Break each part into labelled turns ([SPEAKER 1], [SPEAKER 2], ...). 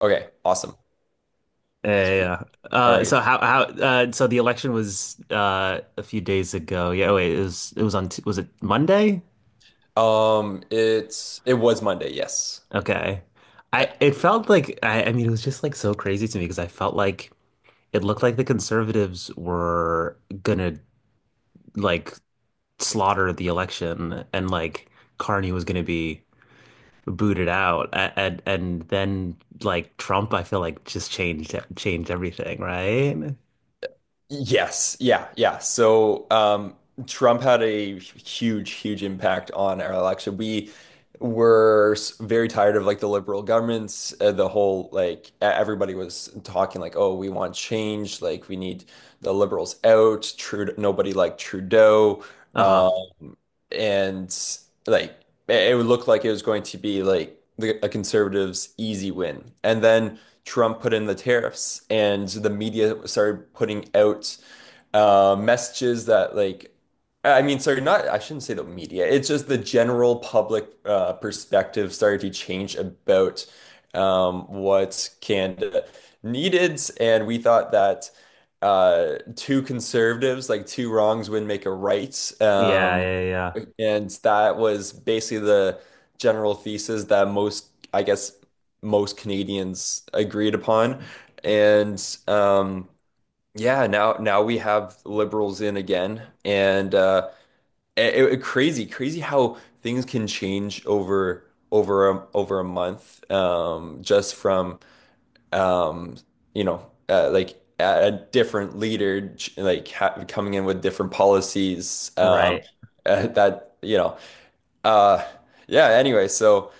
[SPEAKER 1] Okay, awesome.
[SPEAKER 2] Yeah,
[SPEAKER 1] Sweet.
[SPEAKER 2] yeah. Yeah.
[SPEAKER 1] All right.
[SPEAKER 2] So how so the election was a few days ago. Yeah, oh, wait, it was on t was it Monday?
[SPEAKER 1] It was Monday, yes.
[SPEAKER 2] Okay.
[SPEAKER 1] Uh,
[SPEAKER 2] I It felt like I mean it was just like so crazy to me because I felt like it looked like the conservatives were gonna like slaughter the election, and like Carney was gonna be booted out and then like Trump, I feel like, just changed everything, right?
[SPEAKER 1] yes, yeah, yeah. So, Trump had a huge, huge impact on our election. We were very tired of like the liberal governments, the whole like everybody was talking like, "Oh, we want change, like we need the liberals out." Trude Nobody liked Trudeau.
[SPEAKER 2] Uh-huh.
[SPEAKER 1] Um, and like it would look like it was going to be like a conservative's easy win. And then Trump put in the tariffs, and the media started putting out messages that like I mean, sorry, not I shouldn't say the media. It's just the general public perspective started to change about what Canada needed, and we thought that two conservatives, like two wrongs, would make a right,
[SPEAKER 2] Yeah, yeah, yeah.
[SPEAKER 1] and that was basically the general thesis that most, I guess, most Canadians agreed upon, and um, yeah, now we have liberals in again, and crazy, crazy how things can change over a month, just from um, you know, uh, like a different leader ch- like ha coming in with different policies,
[SPEAKER 2] Right.
[SPEAKER 1] uh, that you know, uh, yeah. Anyway, so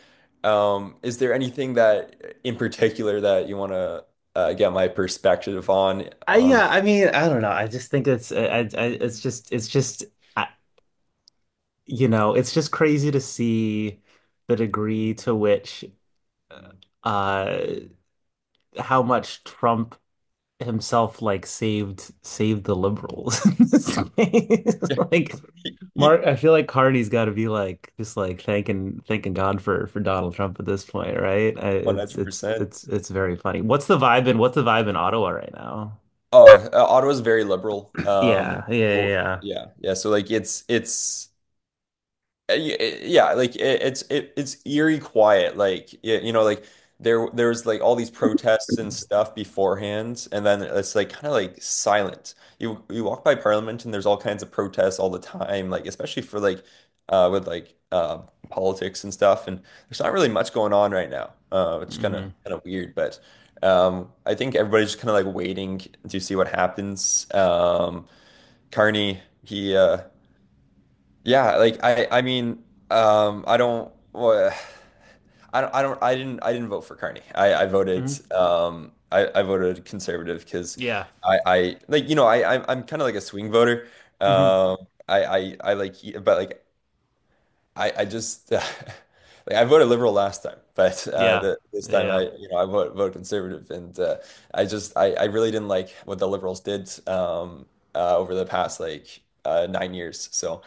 [SPEAKER 1] is there anything that in particular that you want to get my perspective on
[SPEAKER 2] I
[SPEAKER 1] on?
[SPEAKER 2] Yeah, I mean, I don't know. I just think it's I it's just I, you know, it's just crazy to see the degree to which uh how much Trump himself like saved the liberals. It's like Mark, I feel like Carney's got to be like just like thanking God for Donald Trump at this point, right? It's
[SPEAKER 1] 100%.
[SPEAKER 2] it's very funny. What's the vibe in Ottawa right now?
[SPEAKER 1] Oh, Ottawa's very liberal.
[SPEAKER 2] Yeah, yeah, yeah.
[SPEAKER 1] W-
[SPEAKER 2] Yeah.
[SPEAKER 1] yeah, yeah. So like Uh, y- Yeah, like it's eerie quiet. Like you know, like there was like all these protests and stuff beforehand, and then it's like kind of like silent. You walk by Parliament and there's all kinds of protests all the time, like especially for like with like politics and stuff. And there's not really much going on right now, which kind
[SPEAKER 2] Mm-hmm.
[SPEAKER 1] of kind of weird. But I think everybody's just kind of like waiting to see what happens. Carney, he yeah, like I mean, I don't well, I didn't vote for Carney. I voted
[SPEAKER 2] Mm-hmm.
[SPEAKER 1] I voted conservative because
[SPEAKER 2] Yeah.
[SPEAKER 1] I like you know I'm kind of like a swing voter.
[SPEAKER 2] Mm-hmm.
[SPEAKER 1] Um I like but like I just like I voted liberal last time, but
[SPEAKER 2] Yeah.
[SPEAKER 1] this time I
[SPEAKER 2] Yeah.
[SPEAKER 1] you know I vote vote conservative and I just I really didn't like what the liberals did over the past like 9 years.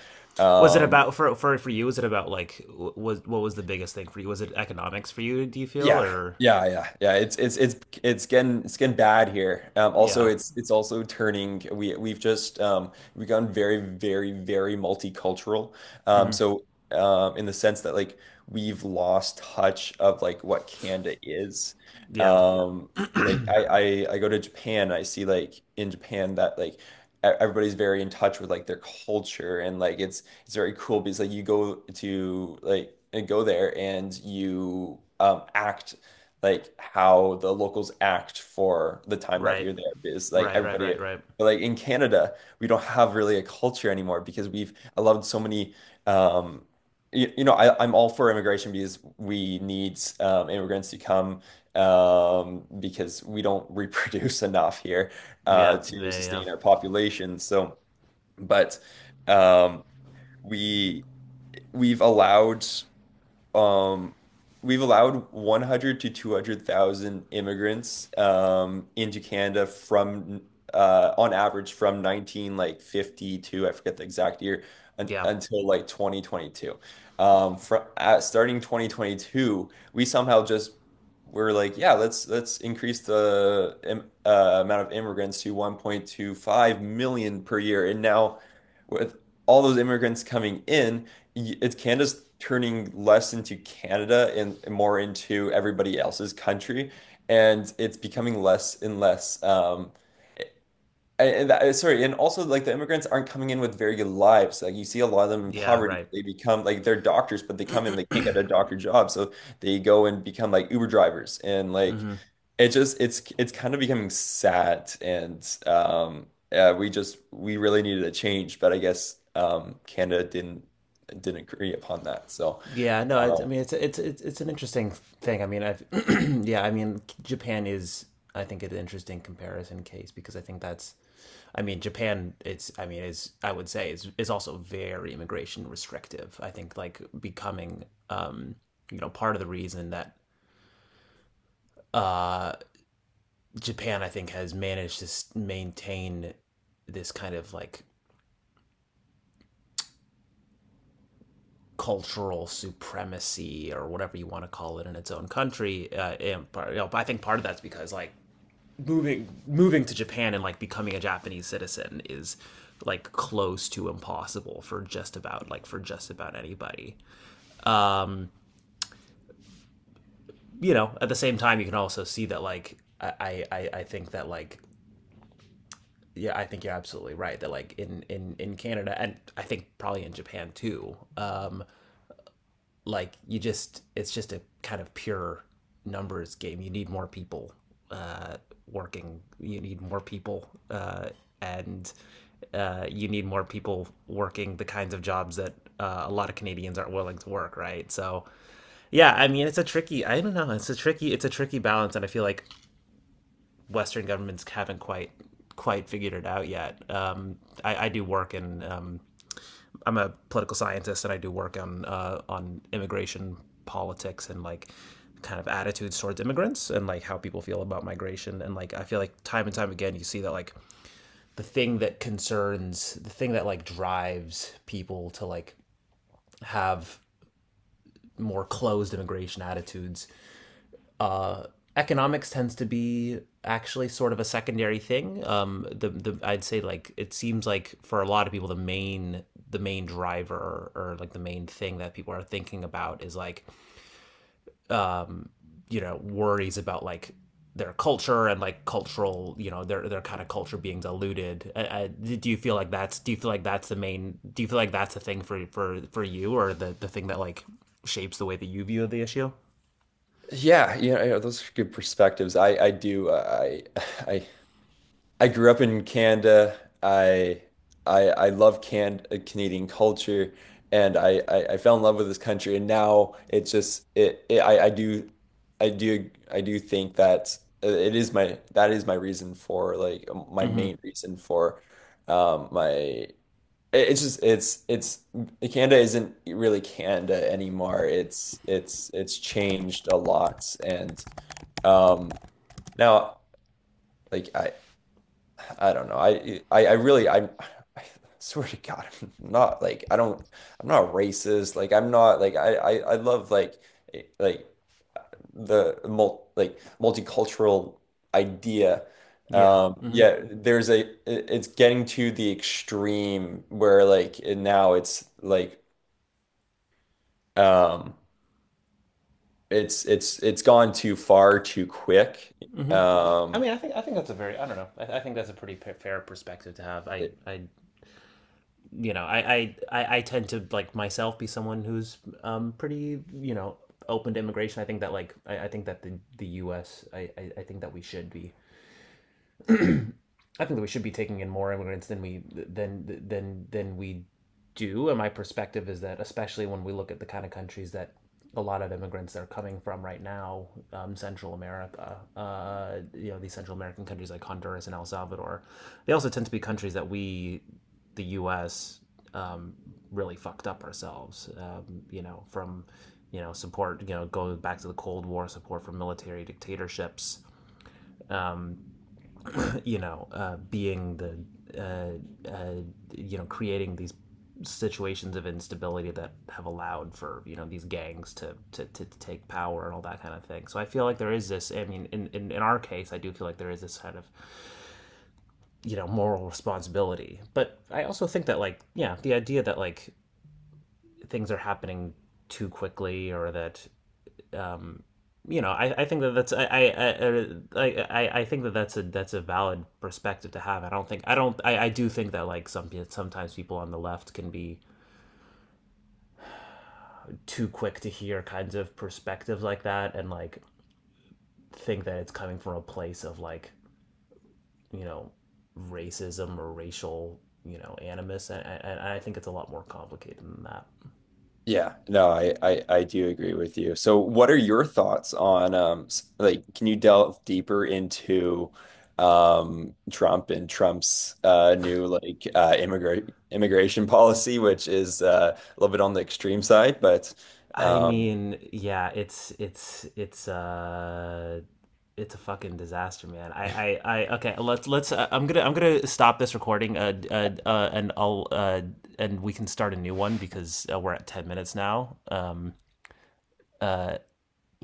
[SPEAKER 2] Was it about
[SPEAKER 1] um,
[SPEAKER 2] for you? Was it about like was what was the biggest thing for you? Was it economics for you? Do you feel
[SPEAKER 1] Yeah,
[SPEAKER 2] or
[SPEAKER 1] yeah, yeah, yeah. It's it's getting bad here. Also,
[SPEAKER 2] yeah,
[SPEAKER 1] it's also turning. We've just we've gone very multicultural. Um,
[SPEAKER 2] mm-hmm.
[SPEAKER 1] so in the sense that like we've lost touch of like what Canada is.
[SPEAKER 2] Yeah,
[SPEAKER 1] Um, like I go to Japan. I see like in Japan that everybody's very in touch with like their culture and like it's very cool because like you go to like and go there and you act like how the locals act for the time that
[SPEAKER 2] right,
[SPEAKER 1] you're there because like
[SPEAKER 2] right, right,
[SPEAKER 1] everybody
[SPEAKER 2] right, right,
[SPEAKER 1] like in Canada we don't have really a culture anymore because we've allowed so many um you know I'm all for immigration because we need immigrants to come because we don't reproduce enough here
[SPEAKER 2] yeah,
[SPEAKER 1] to
[SPEAKER 2] yeah,
[SPEAKER 1] sustain our population so but um we we've allowed um we've allowed 100 to 200,000 immigrants into Canada from on average from 19 like 52, I forget the exact year, un
[SPEAKER 2] yeah, yeah,
[SPEAKER 1] until like 2022. Starting 2022 we somehow just we're like, yeah, let's increase the im amount of immigrants to 1.25 million per year. And now with all those immigrants coming in, it's Canada's turning less into Canada and more into everybody else's country, and it's becoming less and less. Sorry, and also like the immigrants aren't coming in with very good lives. Like you see a lot of them in
[SPEAKER 2] yeah,
[SPEAKER 1] poverty.
[SPEAKER 2] right.
[SPEAKER 1] They become like they're doctors, but they come in, they can't get a doctor job, so they go and become like Uber drivers. And like it just it's kind of becoming sad. And We just we really needed a change, but I guess Canada didn't agree upon that.
[SPEAKER 2] Yeah, no, it's, I
[SPEAKER 1] Um,
[SPEAKER 2] mean it's an interesting thing. I mean, I've yeah, I mean Japan is I think an interesting comparison case because I think that's I mean Japan it's I mean is I would say, is also very immigration restrictive. I think like becoming um you know part of the reason that Japan, I think, has managed to maintain this kind of like cultural supremacy or whatever you want to call it in its own country. And part, you know, I think part of that's because like moving to Japan and like becoming a Japanese citizen is like close to impossible for just about like for just about anybody. You know, at the same time you can also see that like I think that like yeah, I think you're absolutely right that like in in Canada, and I think probably in Japan too. Like you just it's just a kind of pure numbers game. You need more people uh, working. You need more people, and you need more people working the kinds of jobs that a lot of Canadians aren't willing to work, right. So yeah, I mean, it's a tricky. I don't know. It's a tricky. It's a tricky balance, and I feel like Western governments haven't quite figured it out yet. I do work in I'm a political scientist, and I do work on immigration politics and like kind of attitudes towards immigrants and like how people feel about migration. And like I feel like time and time again you see that like the thing that like drives people to like have more closed immigration attitudes, economics tends to be actually sort of a secondary thing. The I'd say like it seems like for a lot of people the main driver, or like the main thing that people are thinking about is like you know worries about like their culture and like cultural, you know, their kind of culture being diluted. Do you feel like that's do you feel like that's the main do you feel like that's the thing for you, or the thing that like shapes the way that you view the issue?
[SPEAKER 1] yeah, you know, those are good perspectives. I do I I I grew up in Canada. I love Canadian culture, and I fell in love with this country. And now it's just it I do think that it is my that is my reason for like my main reason for um my it- it's just it's Canada isn't really Canada anymore. It's it's changed a lot, and um now like I. I don't know. I really I swear to God, I'm not like I don't I'm not racist. Like I'm not like I love like eh, like the mul like multicultural idea.
[SPEAKER 2] Yeah. Mm.
[SPEAKER 1] Yeah, there's a it's getting to the extreme where now it's like um it's gone too far too quick. Mhm.
[SPEAKER 2] I mean, I think that's a very I don't know. I think that's a pretty fair perspective to have.
[SPEAKER 1] It-
[SPEAKER 2] I you know I tend to like myself be someone who's pretty, you know, open to immigration. I think that like I think that the U.S. think that we should be I think that we should be taking in more immigrants than we do. And my perspective is that, especially when we look at the kind of countries that a lot of immigrants are coming from right now, Central America, you know, these Central American countries like Honduras and El Salvador, they also tend to be countries that we, the U.S., um, really fucked up ourselves. You know, from you know support, you know, going back to the Cold War, support for military dictatorships, you know, being the, uh, uh, you know, creating these situations of instability that have allowed for you know these gangs to, to take power, and all that kind of thing. So I feel like there is this. I mean, in in our case, I do feel like there is this kind of you know moral responsibility. But I also think that like yeah, the idea that like things are happening too quickly, or that you know, I think that that's I think that that's a valid perspective to have. I don't think I don't I do think that like sometimes people on the left can be too quick to hear kinds of perspectives like that and like think that it's coming from a place of like you know racism or racial, you know, animus. And I think it's a lot more complicated than that.
[SPEAKER 1] Yeah, no, I do agree with you. So what are your thoughts on like can you delve deeper into Trump and Trump's new like immigrant immigration policy, which is a little bit on the extreme side but
[SPEAKER 2] I
[SPEAKER 1] um
[SPEAKER 2] mean, yeah, it's it's a fucking disaster, man. I Okay, let's I'm going to stop this recording and I'll and we can start a new one because we're at 10 minutes now.